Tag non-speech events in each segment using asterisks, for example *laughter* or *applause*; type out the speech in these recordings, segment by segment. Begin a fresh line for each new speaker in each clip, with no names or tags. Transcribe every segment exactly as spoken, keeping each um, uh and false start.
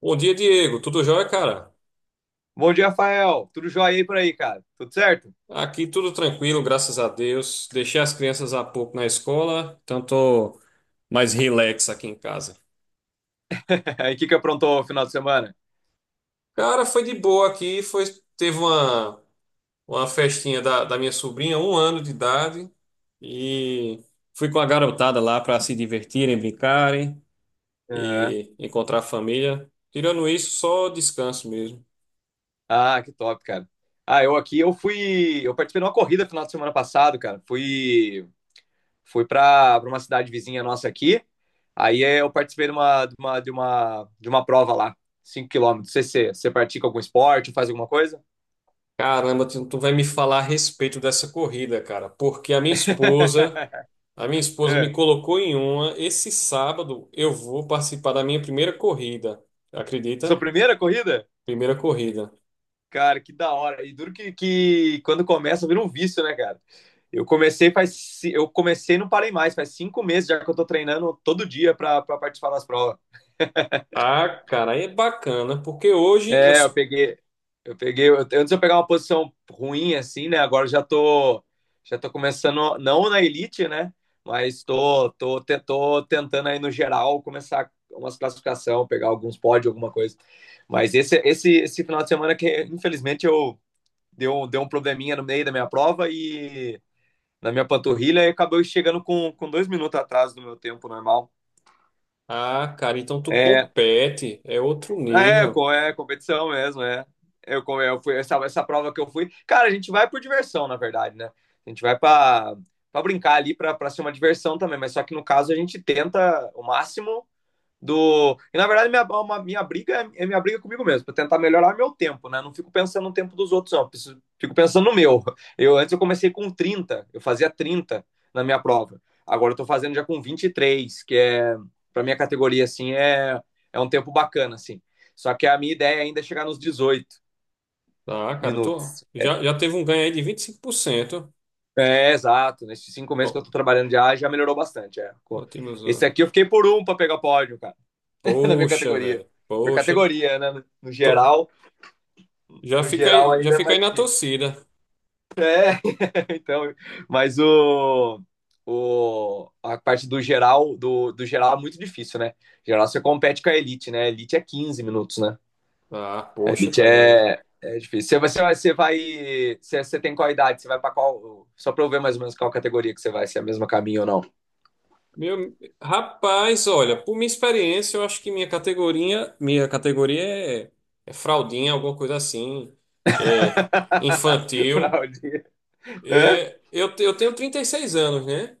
Bom dia, Diego. Tudo jóia, cara?
Bom dia, Rafael. Tudo jóia aí por aí, cara? Tudo certo?
Aqui tudo tranquilo, graças a Deus. Deixei as crianças há pouco na escola, então tô mais relax aqui em casa.
*laughs* E o que que aprontou o final de semana?
Cara, foi de boa aqui. Foi, teve uma, uma festinha da, da minha sobrinha, um ano de idade, e fui com a garotada lá para se divertirem, brincarem
Aham.
e encontrar a família. Tirando isso, só descanso mesmo.
Ah, que top, cara. Ah, eu aqui, eu fui, eu participei de uma corrida final de semana passado, cara. Fui, fui pra, pra uma cidade vizinha nossa aqui. Aí eh, eu participei de uma, de uma, de uma, de uma prova lá, cinco quilômetros. Você, você, você pratica algum esporte, faz alguma coisa?
Caramba, tu tu vai me falar a respeito dessa corrida, cara, porque a minha esposa,
*laughs*
a minha esposa me
É.
colocou em uma. Esse sábado eu vou participar da minha primeira corrida.
Sua
Acredita?
primeira corrida?
Primeira corrida.
Cara, que da hora. E duro que, que quando começa vira um vício, né, cara? Eu comecei faz, ci- eu comecei e não parei mais, faz cinco meses já que eu tô treinando todo dia pra pra participar das provas.
Ah, cara, aí é bacana, porque hoje eu.
É, eu
s-
peguei, eu peguei, eu- antes eu pegar uma posição ruim assim, né? Agora eu já tô, já tô começando, não na elite, né? Mas tô, tô, te- tô tentando aí no geral começar umas classificação, pegar alguns pódios, alguma coisa. Mas esse, esse, esse final de semana que infelizmente eu deu, deu um probleminha no meio da minha prova e na minha panturrilha e acabou chegando com, com dois minutos atrás do meu tempo normal.
Ah, cara, então tu
É,
compete, é outro
é,
nível.
co- é competição mesmo, é. Eu, co- eu fui, essa, essa prova que eu fui. Cara, a gente vai por diversão, na verdade, né? A gente vai pra, pra brincar ali, pra, pra ser uma diversão também, mas só que no caso a gente tenta o máximo do. E na verdade, minha, uma, minha briga é é minha briga comigo mesmo, para tentar melhorar meu tempo, né? Não fico pensando no tempo dos outros, não. preciso- Fico pensando no meu. Eu antes eu comecei com trinta, eu fazia trinta na minha prova. Agora eu tô fazendo já com vinte e três, que é para minha categoria assim é é um tempo bacana assim. Só que a minha ideia ainda é chegar nos dezoito
Ah, cara, tu
minutos.
já, já teve um ganho aí de vinte e cinco por cento.
É, exato. Nesses cinco meses que
Ó,
eu tô trabalhando, já, já melhorou bastante. É.
ótimos.
Esse
Ó.
aqui eu fiquei por um para pegar pódio, cara, *laughs* na minha
Poxa,
categoria.
velho.
Por
Poxa,
categoria, né? No
tô-
geral,
já
No
fica
geral,
aí, já
ainda é
fica aí
mais
na
difícil. *laughs*
torcida.
Então, mas o, o, a parte do geral, do, do geral é muito difícil, né? Geral você compete com a elite, né? A elite é quinze minutos, né?
Ah,
A
poxa,
elite
tá vendo aí?
é, é difícil. Você, você vai- você vai. Você, você tem qual idade? Você vai para qual. Só para eu ver mais ou menos qual categoria que você vai, se é a mesma caminho ou não.
Meu, rapaz, olha, por minha experiência, eu acho que minha categoria, minha categoria é, é fraldinha, alguma coisa assim, é
*laughs* Pra
infantil.
onde? Hã?
É, eu, te- eu tenho trinta e seis anos, né?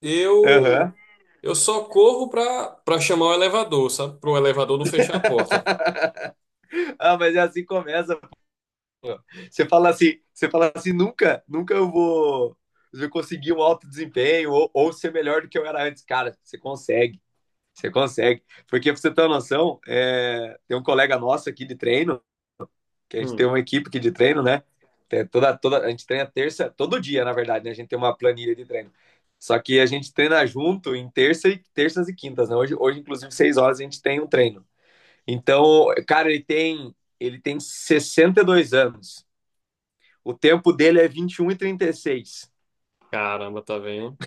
Eu
Aham.
eu só corro pra, pra chamar o elevador, sabe? Pro elevador não fechar a porta.
*laughs* Ah, mas é assim que começa. Você fala assim, você fala assim, nunca, nunca eu vou eu conseguir um alto desempenho ou, ou ser melhor do que eu era antes. Cara, você consegue, você consegue. Porque pra você ter uma noção, é, tem um colega nosso aqui de treino, que a gente tem
Hum,
uma equipe aqui de treino, né? Tem toda, toda, a gente treina terça, todo dia, na verdade, né? A gente tem uma planilha de treino. Só que a gente treina junto em terça e, terças e quintas, né? Hoje, hoje, inclusive, seis horas a gente tem um treino. Então, cara, ele tem, ele tem sessenta e dois anos. O tempo dele é vinte e um e e trinta e seis.
Caramba, tá vendo?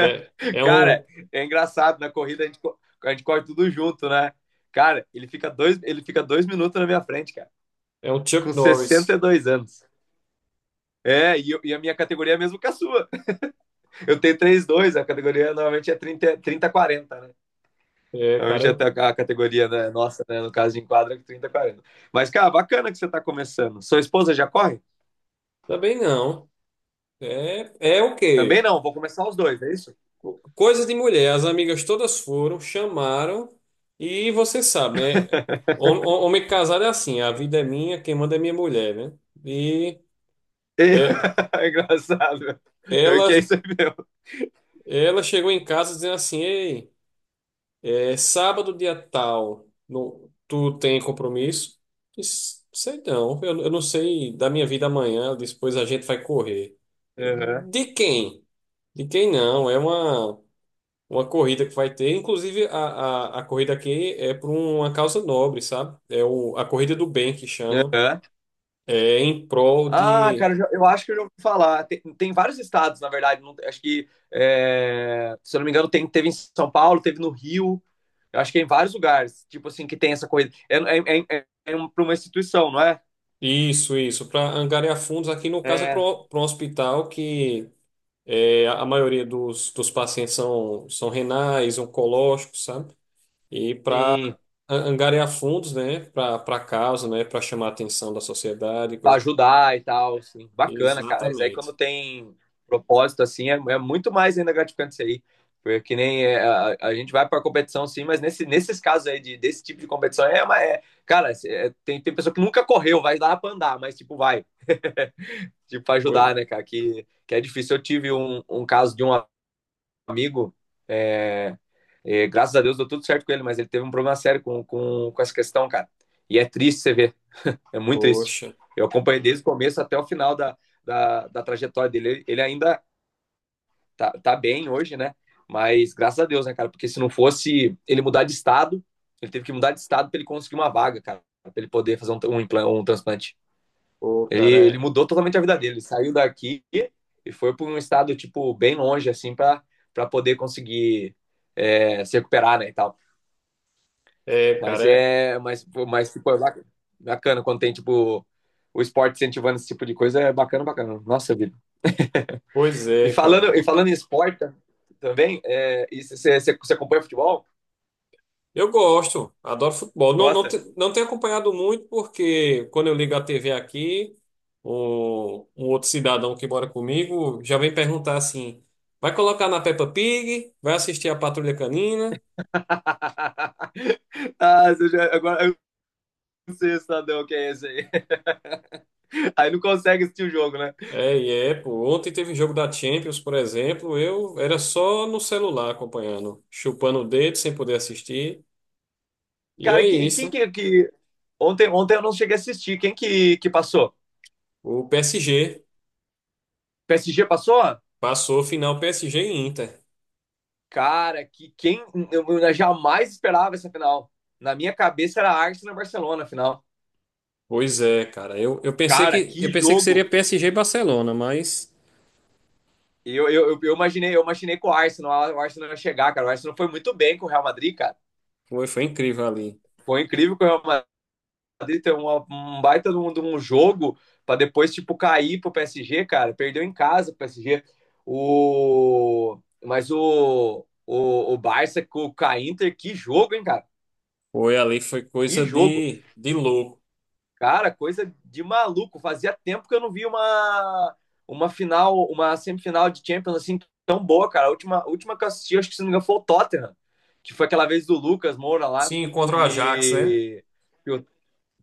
É, é
Cara,
um
é engraçado, na corrida a gente, a gente corre tudo junto, né? Cara, ele fica, dois, ele fica dois minutos na minha frente, cara,
é um
com
Chuck
sessenta
Norris.
e dois anos. É, e, eu, e a minha categoria é a mesma que a sua. Eu tenho três dois, a categoria normalmente é trinta quarenta, né?
É, cara,
Normalmente até
eu,
a categoria, né, nossa, né, no caso de enquadra, é trinta, quarenta. Mas, cara, bacana que você está começando. Sua esposa já corre?
também não. É, é o
Também
quê?
não, vou começar os dois, é isso?
Coisa de mulher, as amigas todas foram, chamaram, e você sabe, né?
*laughs*
Hom- hom- Homem casado é assim, a vida é minha, quem manda é minha mulher, né? E
É.
é,
*laughs* É engraçado. Pior
ela,
que é isso aí mesmo.
ela chegou em casa dizendo assim, ei, é sábado dia tal, no, tu tem compromisso? Eu Disse, sei não, eu, eu não sei da minha vida amanhã, depois a gente vai correr. Eu,
Aham,
De quem? De quem não? É uma. uma corrida que vai ter. Inclusive, a, a, a corrida aqui é por uma causa nobre, sabe? É o, a Corrida do Bem que chama.
aham.
É em prol
Ah,
de.
cara, eu já- eu acho que eu já ouvi falar. Tem, tem vários estados, na verdade. não- acho que, é, se eu não me engano, tem- teve em São Paulo, teve no Rio. Eu acho que é em vários lugares, tipo assim, que tem essa coisa. É, é, é, é um- pra uma instituição, não é?
Isso, isso. Para angariar fundos, aqui no caso é para
É,
um hospital que é, a maioria dos, dos pacientes são, são renais, oncológicos, sabe? E para
sim.
angariar fundos, né? Para para causa, né? Para chamar a atenção da sociedade,
Pra
coisa.
ajudar e tal, assim. Bacana, cara. Mas aí quando
Exatamente.
tem propósito, assim, é, é muito mais ainda gratificante isso aí. Porque que nem é, a, a gente vai pra competição, sim, mas nesse, nesses casos aí de, desse tipo de competição é uma. É, cara, é- é, tem, tem pessoa que nunca correu, vai dar pra andar, mas tipo, vai. *laughs* Tipo, pra ajudar,
Oi.
né, cara? Que, que é difícil. Eu tive um, um caso de um amigo. É, é, graças a Deus deu tudo certo com ele, mas ele teve um problema sério com, com, com essa questão, cara. E é triste você ver. É muito triste.
Poxa.
Eu acompanhei desde o começo até o final da, da, da trajetória dele. Ele ainda tá, tá bem hoje, né? Mas graças a Deus, né, cara? Porque se não fosse ele mudar de estado, ele teve que mudar de estado para ele conseguir uma vaga, cara, para ele poder fazer um, um, um transplante.
Pô,
Ele,
cara,
ele
é.
mudou totalmente a vida dele. Ele saiu daqui e foi para um estado, tipo, bem longe, assim, para poder conseguir é, se recuperar, né, e tal.
É, cara,
Mas
é.
é, mas, pô, mas tipo, é bac- bacana quando tem tipo o esporte incentivando esse tipo de coisa, é bacana, bacana. Nossa vida.
Pois
E
é,
falando,
cara.
e falando em esporte tam- também, é, e você você- você acompanha futebol?
Eu gosto, adoro futebol. Não, não,
Gosta?
te- não tenho acompanhado muito, porque quando eu ligo a T V aqui, o, um outro cidadão que mora comigo já vem perguntar assim: vai colocar na Peppa Pig? Vai assistir a Patrulha Canina?
*laughs* Ah, você já- agora eu não sei o cidadão que é esse aí. *laughs* Aí não consegue assistir o jogo, né?
É, e é, pô. Ontem teve jogo da Champions, por exemplo. Eu era só no celular acompanhando, chupando o dedo sem poder assistir. E
Cara,
é
e que- e
isso,
quem
né?
que, que- ontem, ontem eu não cheguei a assistir. Quem que, que passou?
O P S G
P S G passou?
passou. Final: P S G e Inter.
Cara, que quem eu, eu jamais esperava essa final. Na minha cabeça era Arsenal e Barcelona a final.
Pois é, cara. Eu, eu pensei
Cara,
que eu
que
pensei que seria
jogo!
P S G e Barcelona, mas
Eu, eu, eu- eu imaginei, eu imaginei com o Arsenal, o Arsenal ia chegar, cara. O Arsenal foi muito bem com o Real Madrid, cara.
foi, foi incrível ali.
Foi incrível que o Real Madrid ter uma- um baita de um, de um jogo para depois, tipo, cair pro P S G, cara. Perdeu em casa pro P S G. O... Mas o, o, o Barça com o Inter, que jogo, hein, cara?
Foi ali, foi
Que
coisa
jogo!
de, de louco.
Cara, coisa de maluco. Fazia tempo que eu não vi uma, uma final, uma semifinal de Champions assim tão boa, cara. A última, a última que eu assisti, acho que se não me engano, foi o Tottenham, que foi aquela vez do Lucas Moura lá,
Sim, contra o Ajax, né?
que, que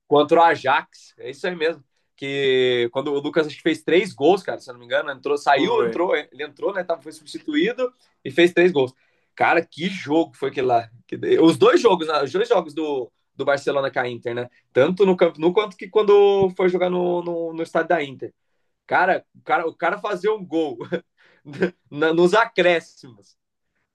contra o Ajax. É isso aí mesmo. Que quando o Lucas acho que fez três gols, cara, se eu não me engano, entrou, saiu,
Foi.
entrou, ele entrou, né? Foi substituído e fez três gols. Cara, que jogo foi aquele lá. Os dois jogos, né, os dois jogos do, do Barcelona com a Inter, né? Tanto no Camp Nou quanto que quando foi jogar no, no, no estádio da Inter. Cara, o cara, o cara fazia um gol *laughs* nos acréscimos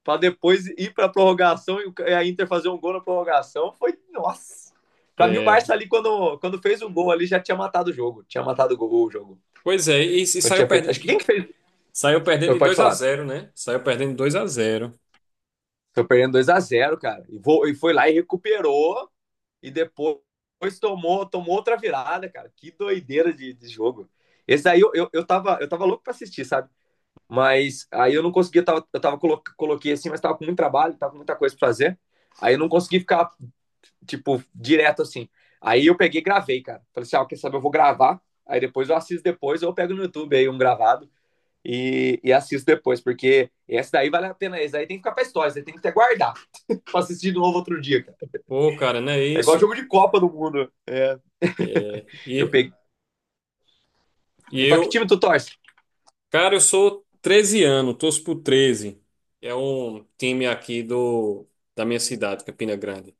para depois ir para a prorrogação e a Inter fazer um gol na prorrogação, foi nossa. Para mim o
É.
Barça ali quando, quando fez o gol ali já tinha matado o jogo, tinha matado o, gol, o jogo.
Pois é, e, e
Quando
saiu
tinha feito, acho que
perdendo,
quem que fez?
saiu perdendo
Eu
de
pode
dois a
falar.
zero, né? Saiu perdendo de dois a zero.
Foi perdendo dois a zero, cara. E, vou, e foi lá e recuperou e depois tomou, tomou outra virada, cara. Que doideira de, de jogo. Esse aí eu, eu, eu, tava, eu tava louco pra assistir, sabe? Mas aí eu não conseguia, eu tava, eu tava colo, coloquei assim, mas tava com muito trabalho, tava com muita coisa pra fazer. Aí eu não consegui ficar tipo, direto assim. Aí eu peguei e gravei, cara. Falei assim, ah, quer saber, eu vou gravar, aí depois eu assisto depois, ou eu pego no YouTube aí um gravado e, e assisto depois, porque esse daí vale a pena, esse daí tem que ficar pra história, esse daí tem que até guardar *laughs* pra assistir de novo outro dia, cara.
Pô, cara, não é
É igual
isso?
jogo de Copa do Mundo. É.
É,
Eu
e,
peguei.
e
E pra que
eu,
time tu torce?
cara, eu sou Treze anos, torço pro Treze. É um time aqui do da minha cidade, Campina Grande.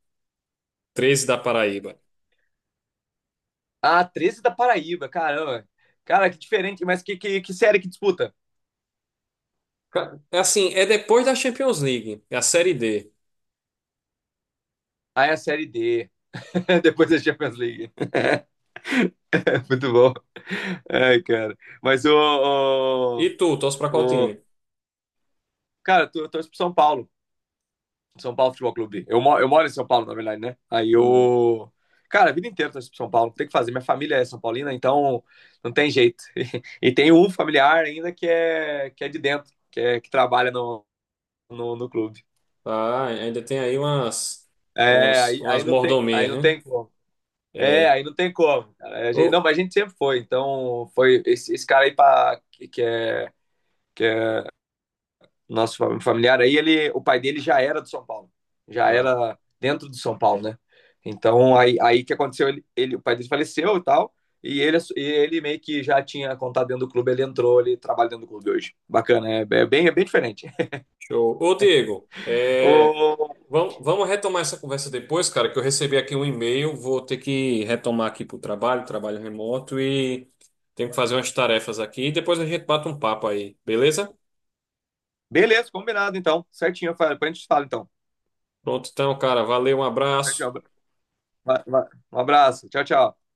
Treze da Paraíba.
Ah, treze da Paraíba, caramba. Cara, que diferente, mas que, que, que série que disputa?
Ca- é Assim, é depois da Champions League, é a Série D.
Ah, é a Série D. *laughs* Depois da Champions League. *laughs* Muito bom. Ai, cara. Mas
E
o...
tu, torce pra qual
o,
time?
o cara, eu torço pro São Paulo. São Paulo Futebol Clube. Eu, mo- eu moro em São Paulo, na verdade, né? Aí
Hum.
eu. Cara, a vida inteira eu torço pro São Paulo. Não tem o que fazer. Minha família é São Paulina, então não tem jeito. *laughs* E tem um familiar ainda que é, que é de dentro, que, é, que trabalha no, no, no clube.
Ah, ainda tem aí umas,
É,
umas,
aí,
umas
aí não tem, aí
mordomias,
não
né?
tem como. É,
É.
aí não tem como, cara. A gente- Não,
Ô,
mas a gente sempre foi. Então, foi esse, esse cara aí pra, que que é nosso familiar aí, ele, o pai dele já era do São Paulo, já
ah,
era dentro do São Paulo, né? Então aí, aí que aconteceu, ele, ele o pai dele faleceu e tal, e ele, ele meio que já tinha contato dentro do clube, ele entrou, ele trabalha dentro do clube hoje. Bacana, é, é bem, é bem diferente. *laughs*
show. Ô, Diego, é,
O,
vamos, vamos retomar essa conversa depois, cara, que eu recebi aqui um e-mail, vou ter que retomar aqui pro trabalho, trabalho remoto, e tenho que fazer umas tarefas aqui, e depois a gente bate um papo aí, beleza?
beleza, combinado então, certinho, depois a gente falar então.
Pronto, então, cara, valeu, um abraço.
Certinho, um abraço, tchau, tchau.